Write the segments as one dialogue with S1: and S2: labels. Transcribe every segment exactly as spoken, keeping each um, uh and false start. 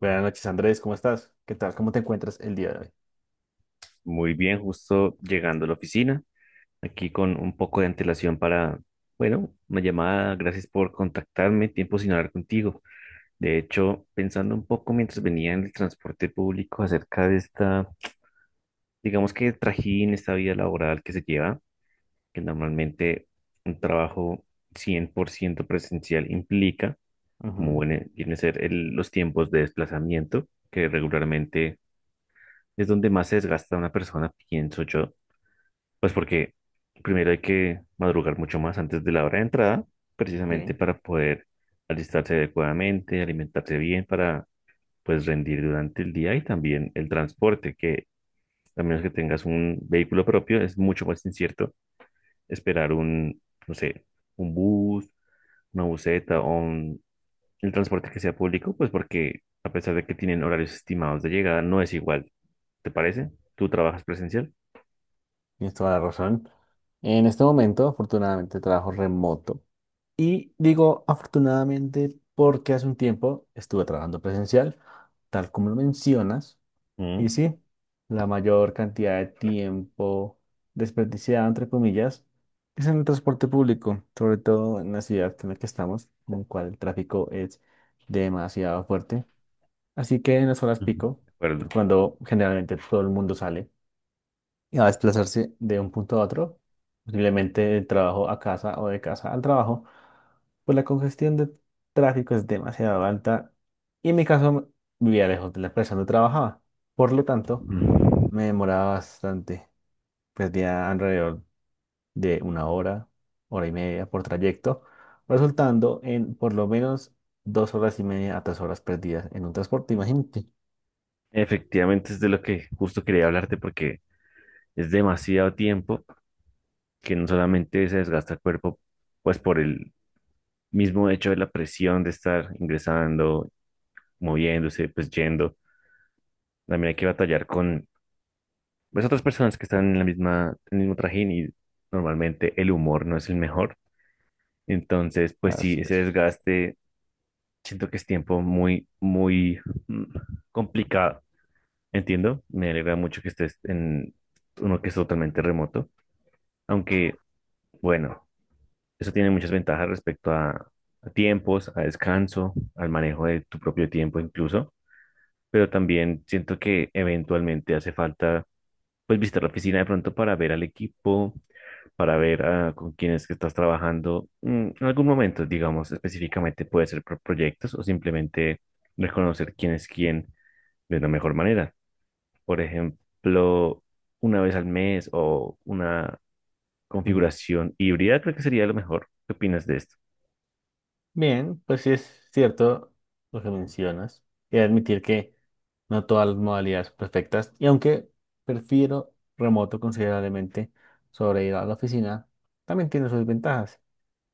S1: Buenas noches, Andrés, ¿cómo estás? ¿Qué tal? ¿Cómo te encuentras el día de hoy?
S2: Muy bien, justo llegando a la oficina, aquí con un poco de antelación para, bueno, una llamada. Gracias por contactarme, tiempo sin hablar contigo. De hecho, pensando un poco mientras venía en el transporte público acerca de esta, digamos que trajín, esta vida laboral que se lleva, que normalmente un trabajo cien por ciento presencial implica, como
S1: Ujú.
S2: viene, viene a ser el- los tiempos de desplazamiento, que regularmente es donde más se desgasta una persona, pienso yo. Pues porque primero hay que madrugar mucho más antes de la hora de entrada, precisamente
S1: Bien,
S2: para poder alistarse adecuadamente, alimentarse bien, para pues rendir durante el día y también el transporte, que a menos que tengas un vehículo propio, es mucho más incierto esperar un, no sé, un bus, una buseta o un- el transporte que sea público, pues porque a pesar de que tienen horarios estimados de llegada, no es igual. ¿Te parece? ¿Tú trabajas presencial?
S1: tienes toda la razón. En este momento, afortunadamente, trabajo remoto. Y digo afortunadamente porque hace un tiempo estuve trabajando presencial, tal como lo mencionas. Y
S2: Mm,
S1: sí, la mayor cantidad de tiempo desperdiciado, entre comillas, es en el transporte público, sobre todo en la ciudad en la que estamos, en la cual el tráfico es demasiado fuerte. Así que en las horas pico,
S2: de
S1: que es
S2: acuerdo.
S1: cuando generalmente todo el mundo sale y va a desplazarse de un punto a otro, posiblemente del trabajo a casa o de casa al trabajo, pues la congestión de tráfico es demasiado alta y en mi caso vivía lejos de la empresa donde trabajaba. Por lo tanto, me demoraba bastante. Perdía alrededor de una hora, hora y media por trayecto, resultando en por lo menos dos horas y media a tres horas perdidas en un transporte, imagínate.
S2: Efectivamente, es de lo que justo quería hablarte, porque es demasiado tiempo que no solamente se desgasta el cuerpo, pues por el mismo hecho de la presión de estar ingresando, moviéndose, pues yendo, también hay que batallar con, pues, otras personas que están en la misma, en el mismo trajín, y normalmente el humor no es el mejor. Entonces, pues sí,
S1: Así
S2: ese
S1: es.
S2: desgaste siento que es tiempo muy, muy, mm, complicado. Entiendo, me alegra mucho que estés en uno que es totalmente remoto. Aunque, bueno, eso tiene muchas ventajas respecto a, a tiempos, a descanso, al manejo de tu propio tiempo incluso, pero también siento que eventualmente hace falta pues visitar la oficina de pronto para ver al equipo, para ver, ah, con quién que estás trabajando, mm, en algún momento, digamos, específicamente puede ser por proyectos, o simplemente reconocer quién es quién de la mejor manera. Por ejemplo, una vez al mes o una
S1: Ujú.
S2: configuración híbrida, creo que sería lo mejor. ¿Qué opinas de esto?
S1: Bien, pues sí es cierto lo que mencionas. Y admitir que no todas las modalidades son perfectas. Y aunque prefiero remoto considerablemente sobre ir a la oficina, también tiene sus ventajas.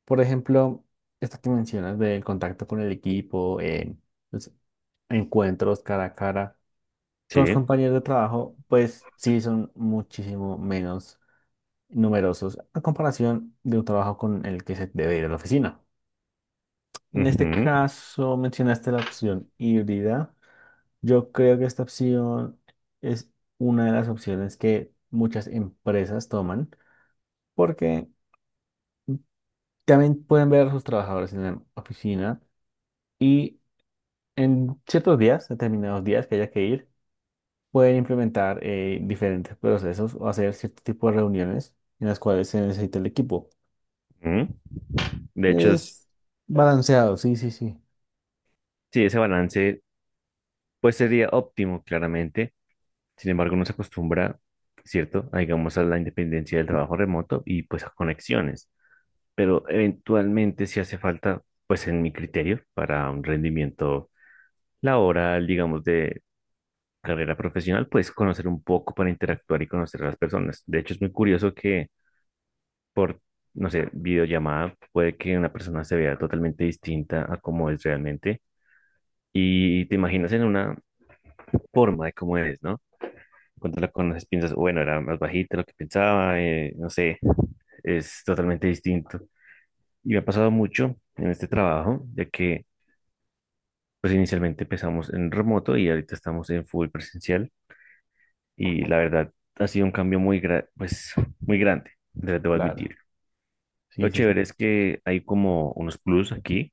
S1: Por ejemplo, esta que mencionas del contacto con el equipo, eh, los encuentros cara a cara con los
S2: Sí.
S1: compañeros de trabajo, pues sí son muchísimo menos numerosos a comparación de un trabajo con el que se debe ir a la oficina. En este
S2: Ujú,
S1: caso mencionaste la opción híbrida. Yo creo que esta opción es una de las opciones que muchas empresas toman porque también pueden ver a sus trabajadores en la oficina y en ciertos días, determinados días que haya que ir, pueden implementar eh, diferentes procesos o hacer cierto tipo de reuniones en las cuales se necesita el equipo.
S2: ujú. De hecho, es-
S1: Es balanceado, sí, sí, sí.
S2: sí, ese balance pues sería óptimo, claramente. Sin embargo, no se acostumbra, ¿cierto? A, digamos, a la independencia del trabajo remoto y pues a conexiones. Pero eventualmente si hace falta, pues en mi criterio, para un rendimiento laboral, digamos, de carrera profesional, pues conocer un poco para interactuar y conocer a las personas. De hecho, es muy curioso que por, no sé, videollamada, puede que una persona se vea totalmente distinta a cómo es realmente, y te imaginas en una forma de cómo es, ¿no? Cuando la conoces piensas, bueno, era más bajita de lo que pensaba, eh, no sé, es totalmente distinto. Y me ha pasado mucho en este trabajo, ya que pues inicialmente empezamos en remoto y ahorita estamos en full presencial, y la verdad ha sido un cambio muy, gra- pues, muy grande, de- debo
S1: Claro.
S2: admitir. Lo
S1: Sí, sí, sí.
S2: chévere es que hay como unos plus aquí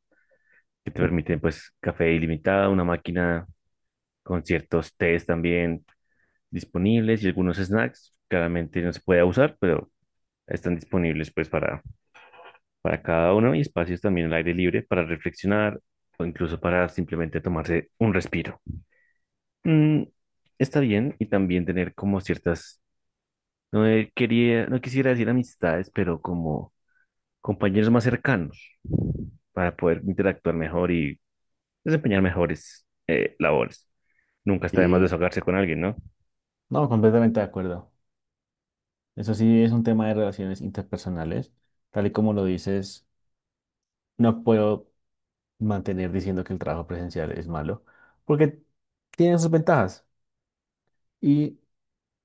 S2: que te permiten pues café ilimitado, una máquina con ciertos tés también disponibles y algunos snacks. Claramente no se puede abusar, pero están disponibles pues para, para cada uno, y espacios también al aire libre para reflexionar o incluso para simplemente tomarse un respiro. Mm, está bien, y también tener como ciertas, no, eh, quería, no quisiera decir amistades, pero como compañeros más cercanos para poder interactuar mejor y desempeñar mejores, eh, labores. Nunca está de más
S1: Sí.
S2: desahogarse con alguien, ¿no?
S1: No, completamente de acuerdo. Eso sí es un tema de relaciones interpersonales. Tal y como lo dices, no puedo mantener diciendo que el trabajo presencial es malo, porque tiene sus ventajas. Y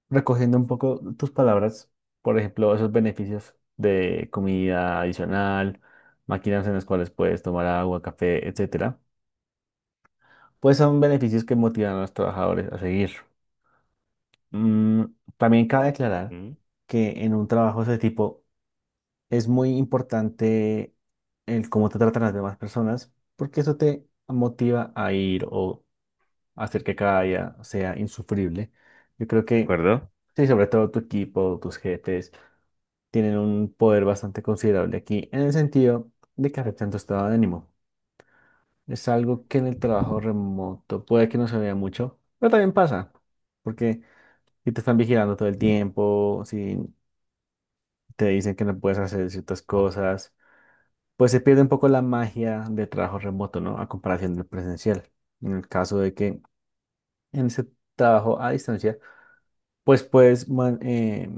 S1: recogiendo un poco tus palabras, por ejemplo, esos beneficios de comida adicional, máquinas en las cuales puedes tomar agua, café, etcétera, pues son beneficios que motivan a los trabajadores a seguir. Mm, también cabe aclarar
S2: Ujú.
S1: que en un trabajo de ese tipo, es muy importante el cómo te tratan las demás personas, porque eso te motiva a ir o hacer que cada día sea insufrible. Yo creo
S2: ¿De
S1: que,
S2: acuerdo?
S1: sí, sobre todo tu equipo, tus jefes, tienen un poder bastante considerable aquí en el sentido de que afectan tu estado de ánimo. Es algo que en el trabajo remoto puede que no se vea mucho, pero también pasa, porque si te están vigilando todo el tiempo, si te dicen que no puedes hacer ciertas cosas, pues se pierde un poco la magia de trabajo remoto, ¿no? A comparación del presencial. En el caso de que en ese trabajo a distancia, pues puedes man- eh,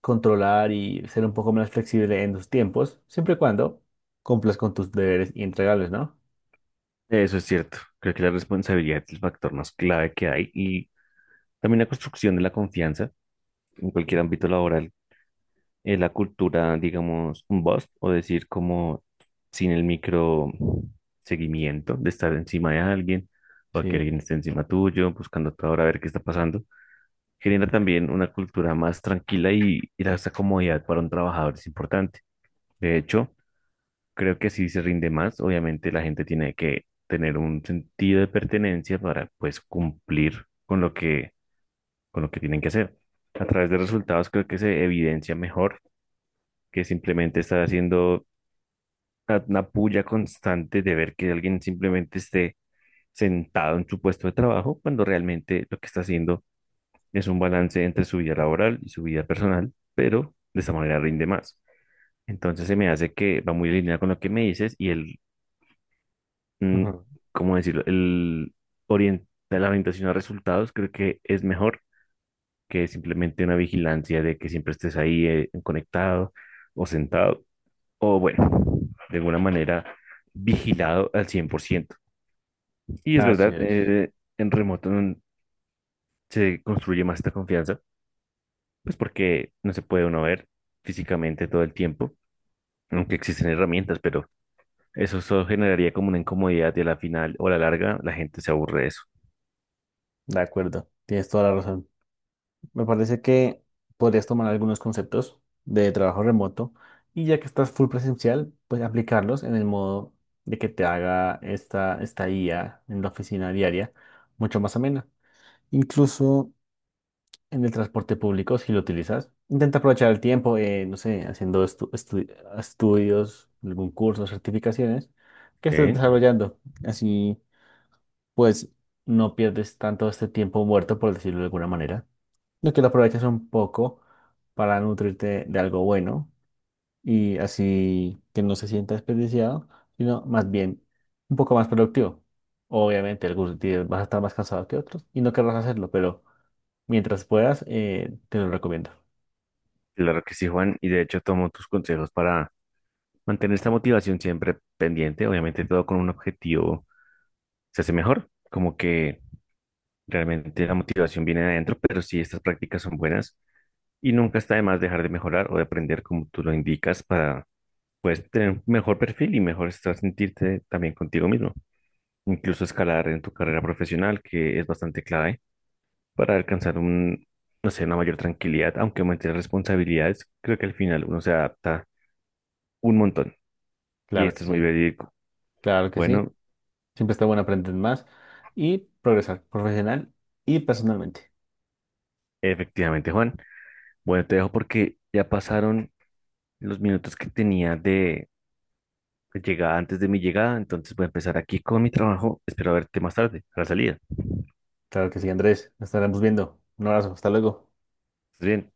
S1: controlar y ser un poco más flexible en tus tiempos, siempre y cuando cumplas con tus deberes y entregables, ¿no?
S2: Eso es cierto. Creo que la responsabilidad es el factor más clave que hay, y también la construcción de la confianza en cualquier ámbito laboral. Eh, la cultura, digamos, un bust, o decir como sin el micro seguimiento de estar encima de alguien, o que
S1: Sí,
S2: alguien esté encima tuyo buscando a toda hora a ver qué está pasando, genera también una cultura más tranquila, y, y esa comodidad para un trabajador es importante. De hecho, creo que así se rinde más. Obviamente la gente tiene que tener un sentido de pertenencia para pues cumplir con lo que, con lo que tienen que hacer. A través de resultados creo que se evidencia mejor que simplemente estar haciendo una una puya constante de ver que alguien simplemente esté sentado en su puesto de trabajo, cuando realmente lo que está haciendo es un balance entre su vida laboral y su vida personal, pero de esa manera rinde más. Entonces se me hace que va muy alineado con lo que me dices, y el mm,
S1: ujú.
S2: ¿cómo decirlo? El orien- la orientación a resultados creo que es mejor que simplemente una vigilancia de que siempre estés ahí, eh, conectado o sentado o, bueno, de alguna manera vigilado al cien por ciento. Y es
S1: Así
S2: verdad,
S1: es.
S2: eh, en remoto mm, se construye más esta confianza, pues porque no se puede uno ver físicamente todo el tiempo, aunque existen herramientas, pero eso solo generaría como una incomodidad, y a la final o a la larga la gente se aburre de eso.
S1: De acuerdo, tienes toda la razón. Me parece que podrías tomar algunos conceptos de trabajo remoto y ya que estás full presencial, pues aplicarlos en el modo de que te haga esta estadía en la oficina diaria mucho más amena. Incluso en el transporte público, si lo utilizas, intenta aprovechar el tiempo, eh, no sé, haciendo estu- estu- estudios, algún curso, certificaciones que estés
S2: ¿Ok?
S1: desarrollando. Así, pues, no pierdes tanto este tiempo muerto, por decirlo de alguna manera lo que lo aprovechas un poco para nutrirte de algo bueno y así que no se sienta desperdiciado, sino más bien un poco más productivo. Obviamente, algunos días vas a estar más cansado que otros y no querrás hacerlo, pero mientras puedas, eh, te lo recomiendo.
S2: Claro que sí, Juan, y de hecho tomo tus consejos para mantener esta motivación siempre pendiente. Obviamente todo con un objetivo se hace mejor, como que realmente la motivación viene de adentro, pero sí, estas prácticas son buenas, y nunca está de más dejar de mejorar o de aprender como tú lo indicas para pues tener un mejor perfil y mejor estar, sentirte también contigo mismo. Incluso escalar en tu carrera profesional, que es bastante clave para alcanzar un, no sé, una mayor tranquilidad. Aunque aumente las responsabilidades, creo que al final uno se adapta un montón. Y
S1: Claro que
S2: esto es muy
S1: sí,
S2: verídico.
S1: claro que sí.
S2: Bueno,
S1: Siempre está bueno aprender más y progresar profesional y personalmente.
S2: efectivamente, Juan. Bueno, te dejo porque ya pasaron los minutos que tenía de de llegada, antes de mi llegada. Entonces voy a empezar aquí con mi trabajo. Espero verte más tarde, a la salida.
S1: Claro que sí, Andrés. Nos estaremos viendo. Un abrazo, hasta luego.
S2: ¿Estás bien?